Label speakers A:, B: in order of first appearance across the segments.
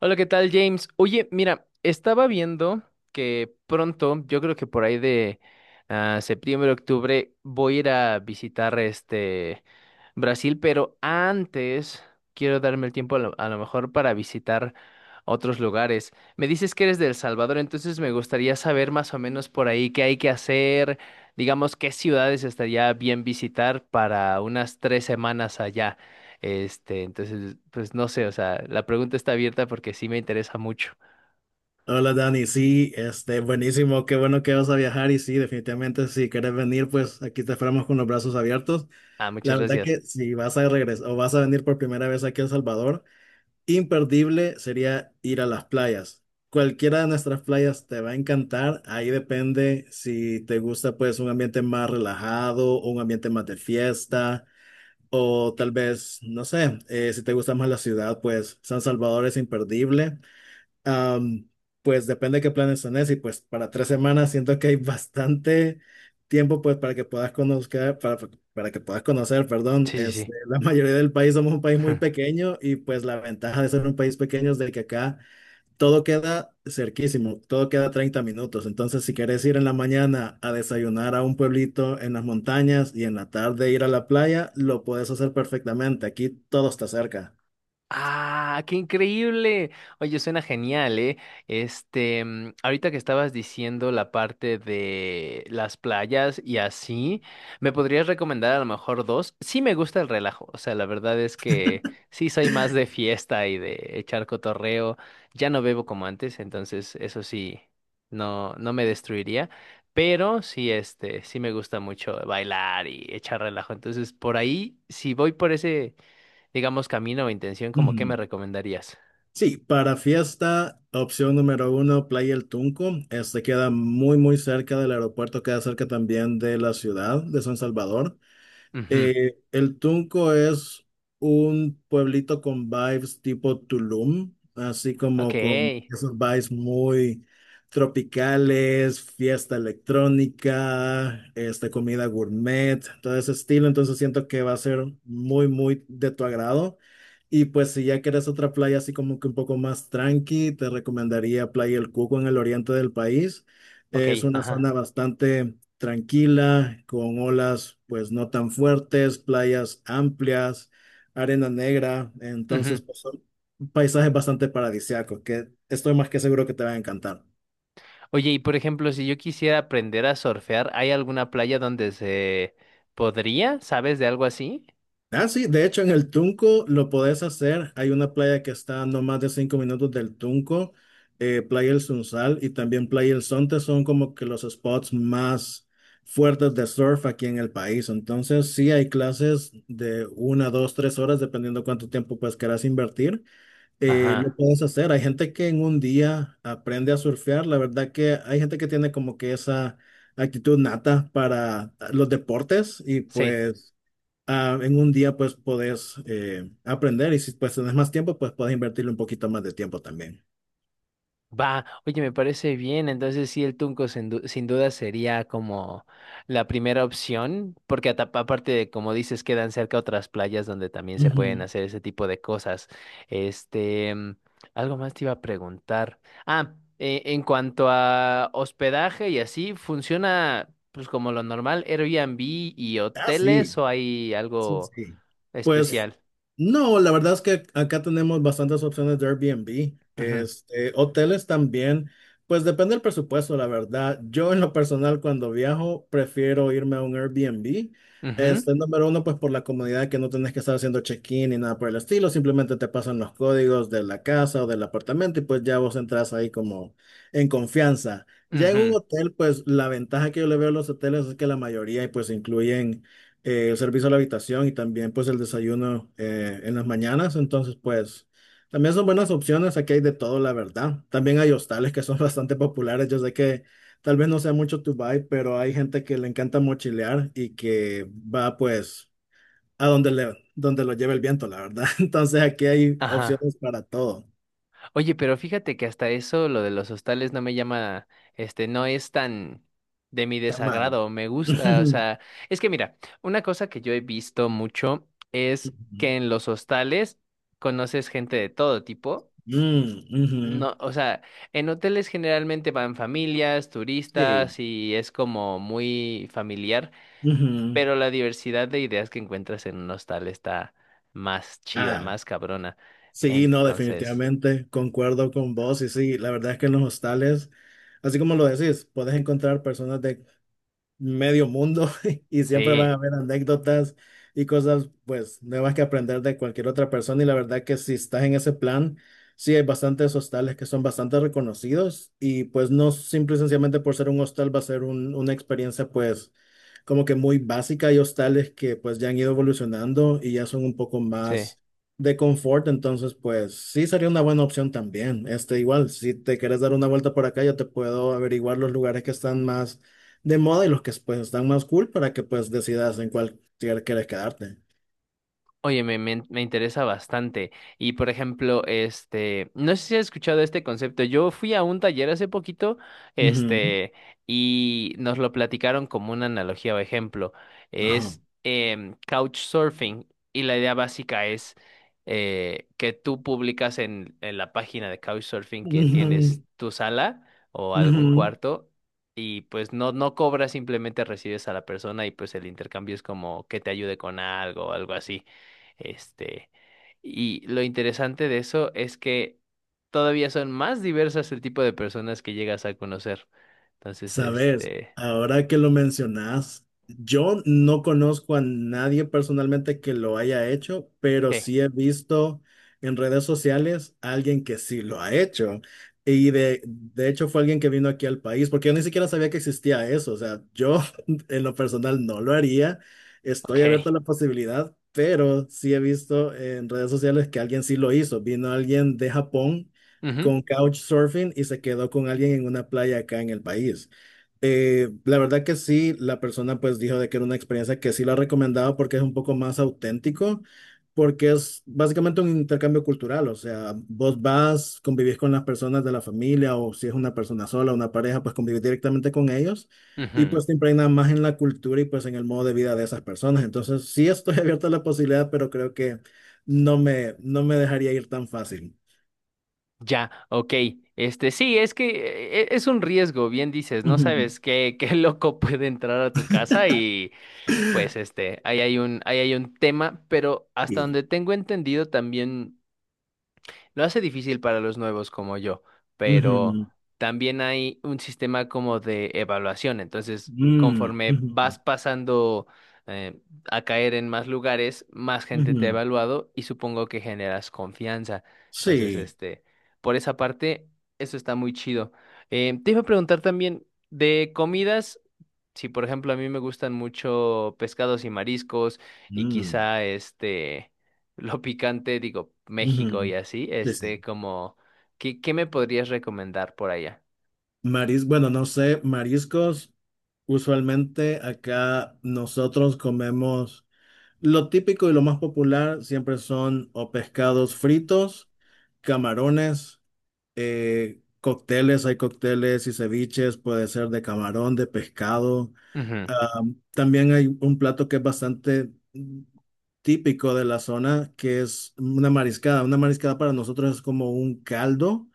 A: Hola, ¿qué tal, James? Oye, mira, estaba viendo que pronto, yo creo que por ahí de septiembre, octubre, voy a ir a visitar Brasil, pero antes quiero darme el tiempo a lo mejor para visitar otros lugares. Me dices que eres de El Salvador, entonces me gustaría saber más o menos por ahí qué hay que hacer, digamos, qué ciudades estaría bien visitar para unas 3 semanas allá. Entonces, pues no sé, o sea, la pregunta está abierta porque sí me interesa mucho.
B: Hola Dani, sí, buenísimo, qué bueno que vas a viajar y sí, definitivamente si quieres venir, pues aquí te esperamos con los brazos abiertos.
A: Ah,
B: La
A: muchas
B: verdad
A: gracias.
B: que si vas a regresar o vas a venir por primera vez aquí a El Salvador, imperdible sería ir a las playas. Cualquiera de nuestras playas te va a encantar, ahí depende si te gusta pues un ambiente más relajado, o un ambiente más de fiesta o tal vez, no sé, si te gusta más la ciudad, pues San Salvador es imperdible. Am, pues depende de qué planes tenés y pues para 3 semanas siento que hay bastante tiempo pues para que puedas conocer, para que puedas conocer, perdón,
A: Sí, sí, sí.
B: la mayoría del país somos un país muy pequeño y pues la ventaja de ser un país pequeño es de que acá todo queda cerquísimo, todo queda 30 minutos, entonces si querés ir en la mañana a desayunar a un pueblito en las montañas y en la tarde ir a la playa, lo puedes hacer perfectamente, aquí todo está cerca.
A: Ah, qué increíble. Oye, suena genial, ¿eh? Ahorita que estabas diciendo la parte de las playas y así, ¿me podrías recomendar a lo mejor dos? Sí me gusta el relajo, o sea, la verdad es que sí soy más de fiesta y de echar cotorreo. Ya no bebo como antes, entonces eso sí, no me destruiría. Pero sí, sí me gusta mucho bailar y echar relajo. Entonces, por ahí, si voy por ese digamos, camino o intención, como qué me
B: Ujú.
A: recomendarías.
B: Sí, para fiesta, opción número 1, Playa El Tunco. Este queda muy, muy cerca del aeropuerto, queda cerca también de la ciudad de San Salvador.
A: Ujú.
B: El Tunco es un pueblito con vibes tipo Tulum, así
A: Ok,
B: como con esos vibes muy tropicales, fiesta electrónica, comida gourmet, todo ese estilo. Entonces siento que va a ser muy, muy de tu agrado. Y pues si ya quieres otra playa así como que un poco más tranqui, te recomendaría Playa El Cuco en el oriente del país.
A: ok,
B: Es una
A: ajá.
B: zona bastante tranquila, con olas pues no tan fuertes, playas amplias, arena negra,
A: Ujú.
B: entonces pues, son paisajes bastante paradisíacos que estoy más que seguro que te va a encantar.
A: Oye, y por ejemplo, si yo quisiera aprender a surfear, ¿hay alguna playa donde se podría? ¿Sabes de algo así?
B: Ah, sí, de hecho en el Tunco lo podés hacer, hay una playa que está a no más de 5 minutos del Tunco, Playa El Sunsal y también Playa El Sonte son como que los spots más fuertes de surf aquí en el país. Entonces, sí hay clases de 1, 2, 3 horas, dependiendo cuánto tiempo pues querás invertir. Lo
A: Ajá,
B: puedes hacer. Hay gente que en un día aprende a surfear. La verdad que hay gente que tiene como que esa actitud nata para los deportes y
A: sí.
B: pues ah, en un día pues podés aprender y si pues tenés más tiempo pues podés invertirle un poquito más de tiempo también.
A: Va, oye, me parece bien. Entonces, sí, el Tunco sin duda sería como la primera opción, porque aparte de, como dices, quedan cerca otras playas donde también se pueden
B: Ujú.
A: hacer ese tipo de cosas. Este, mm, Algo más te iba a preguntar. En cuanto a hospedaje y así, ¿funciona pues como lo normal, Airbnb y
B: Ah,
A: hoteles
B: sí,
A: o hay
B: sí,
A: algo
B: sí. Pues
A: especial?
B: No, la verdad es que acá tenemos bastantes opciones de Airbnb.
A: Ujú,
B: Hoteles también, pues depende del presupuesto, la verdad. Yo en lo personal cuando viajo prefiero irme a un Airbnb.
A: ujú,
B: Número 1, pues por la comodidad que no tenés que estar haciendo check-in ni nada por el estilo, simplemente te pasan los códigos de la casa o del apartamento y pues ya vos entras ahí como en confianza. Ya en un
A: ujú,
B: hotel, pues la ventaja que yo le veo a los hoteles es que la mayoría pues incluyen el servicio a la habitación y también pues el desayuno en las mañanas. Entonces pues también son buenas opciones, aquí hay de todo, la verdad. También hay hostales que son bastante populares, yo sé que tal vez no sea mucho tu vibe, pero hay gente que le encanta mochilear y que va pues a donde lo lleve el viento, la verdad. Entonces aquí hay
A: ajá.
B: opciones para todo,
A: Oye, pero fíjate que hasta eso, lo de los hostales no me llama, no es tan de mi
B: tan mal.
A: desagrado, me gusta, o
B: Ujú,
A: sea, es que mira, una cosa que yo he visto mucho es
B: ujú,
A: que en los hostales conoces gente de todo tipo.
B: ujú,
A: No, o sea, en hoteles generalmente van familias,
B: sí.
A: turistas y es como muy familiar,
B: Ujú.
A: pero la diversidad de ideas que encuentras en un hostal está más chida,
B: Ah.
A: más cabrona.
B: Sí, no,
A: Entonces,
B: definitivamente, concuerdo con vos y sí, la verdad es que en los hostales, así como lo decís, puedes encontrar personas de medio mundo y siempre van
A: sí,
B: a haber anécdotas y cosas pues nuevas que aprender de cualquier otra persona y la verdad que si estás en ese plan, sí hay bastantes hostales que son bastante reconocidos y pues no simple y sencillamente por ser un hostal va a ser una experiencia pues como que muy básica. Hay hostales que pues ya han ido evolucionando y ya son un poco
A: sí.
B: más de confort, entonces pues sí sería una buena opción también. Igual, si te quieres dar una vuelta por acá, yo te puedo averiguar los lugares que están más de moda y los que pues están más cool para que pues decidas en cuál quieres quedarte.
A: Oye, me interesa bastante. Y por ejemplo, no sé si has escuchado este concepto. Yo fui a un taller hace poquito,
B: Ujú,
A: este, y nos lo platicaron como una analogía o ejemplo.
B: ajá.
A: Es couchsurfing. Y la idea básica es que tú publicas en la página de couchsurfing que tienes
B: Ujú,
A: tu sala o algún
B: ujú.
A: cuarto. Y pues no cobras, simplemente recibes a la persona y pues el intercambio es como que te ayude con algo o algo así. Este, y lo interesante de eso es que todavía son más diversas el tipo de personas que llegas a conocer. Entonces,
B: Sabes, ahora que lo mencionas, yo no conozco a nadie personalmente que lo haya hecho, pero
A: eh,
B: sí he visto en redes sociales a alguien que sí lo ha hecho. Y de hecho fue alguien que vino aquí al país, porque yo ni siquiera sabía que existía eso. O sea, yo en lo personal no lo haría. Estoy abierto
A: ok.
B: a la posibilidad, pero sí he visto en redes sociales que alguien sí lo hizo. Vino alguien de Japón
A: Ujú,
B: con couchsurfing y se quedó con alguien en una playa acá en el país. La verdad que sí, la persona pues dijo de que era una experiencia que sí la recomendaba porque es un poco más auténtico, porque es básicamente un intercambio cultural, o sea, vos vas, convivís con las personas de la familia o si es una persona sola, una pareja, pues convivís directamente con ellos y
A: ujú.
B: pues te impregnas más en la cultura y pues en el modo de vida de esas personas. Entonces sí estoy abierto a la posibilidad, pero creo que no me dejaría ir tan fácil.
A: Ya, ok. Sí, es que es un riesgo, bien dices, no
B: Ujú,
A: sabes qué, qué loco puede entrar a tu casa y pues ahí hay un tema, pero hasta
B: sí.
A: donde tengo entendido también lo hace difícil para los nuevos como yo, pero
B: Ujú,
A: también hay un sistema como de evaluación. Entonces,
B: mm,
A: conforme
B: ujú,
A: vas pasando eh, a caer en más lugares, más gente te ha
B: ujú.
A: evaluado y supongo que generas confianza. Entonces,
B: Sí.
A: por esa parte, eso está muy chido. Te iba a preguntar también de comidas. Sí, por ejemplo, a mí me gustan mucho pescados y mariscos y
B: Mm,
A: quizá lo picante, digo,
B: ujú.
A: México y así,
B: Sí, sí.
A: este como ¿qué, qué me podrías recomendar por allá?
B: Bueno, no sé, mariscos, usualmente acá nosotros comemos lo típico y lo más popular siempre son o pescados fritos, camarones. Cócteles, hay cócteles y ceviches, puede ser de camarón, de pescado.
A: Ujú,
B: Ah, también hay un plato que es bastante típico de la zona, que es una mariscada. Una mariscada para nosotros es como un caldo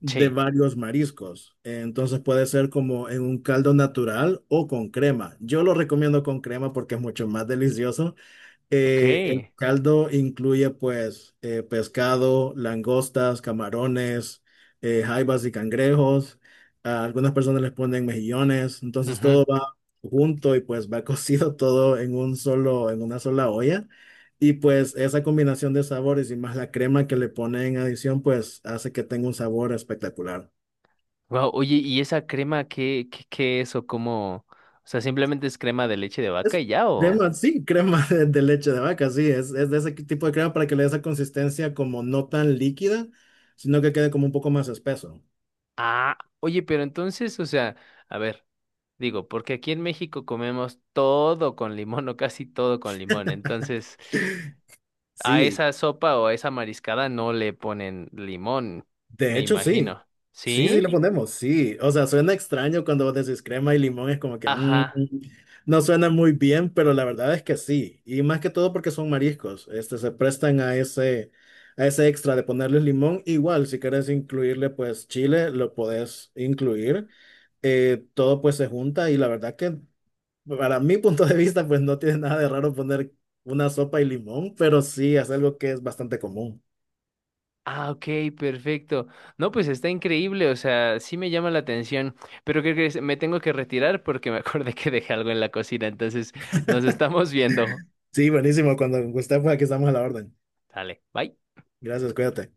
B: de
A: sí,
B: varios mariscos. Entonces puede ser como en un caldo natural o con crema. Yo lo recomiendo con crema porque es mucho más delicioso. El
A: ok.
B: caldo incluye pues pescado, langostas, camarones, jaibas y cangrejos. A algunas personas les ponen mejillones, entonces todo va junto y pues va cocido todo en en una sola olla. Y pues esa combinación de sabores y más la crema que le ponen en adición pues hace que tenga un sabor espectacular.
A: Wow, oye, ¿y esa crema qué es o cómo? O sea, simplemente es crema de leche de vaca
B: Es
A: y ya o
B: crema, sí, crema de leche de vaca, sí, es de ese tipo de crema para que le dé esa consistencia como no tan líquida, sino que quede como un poco más espeso.
A: ah, oye, pero entonces, o sea, a ver, digo, porque aquí en México comemos todo con limón o casi todo con limón, entonces a
B: Sí,
A: esa sopa o a esa mariscada no le ponen limón,
B: de
A: me
B: hecho sí,
A: imagino.
B: sí, sí le
A: ¿Sí?
B: ponemos, sí, o sea, suena extraño cuando vos decís crema y limón, es como que
A: Ajá.
B: no suena muy bien, pero la verdad es que sí, y más que todo porque son mariscos, este, se prestan a ese, extra de ponerles limón, igual si querés incluirle pues chile, lo podés incluir. Todo pues se junta y la verdad que para mi punto de vista pues no tiene nada de raro poner una sopa y limón, pero sí es algo que es bastante común.
A: Ah, ok, perfecto. No, pues está increíble, o sea, sí me llama la atención, pero creo que me tengo que retirar porque me acordé que dejé algo en la cocina, entonces nos estamos viendo.
B: Sí, buenísimo, cuando usted pues aquí estamos a la orden.
A: Dale, bye.
B: Gracias, cuídate.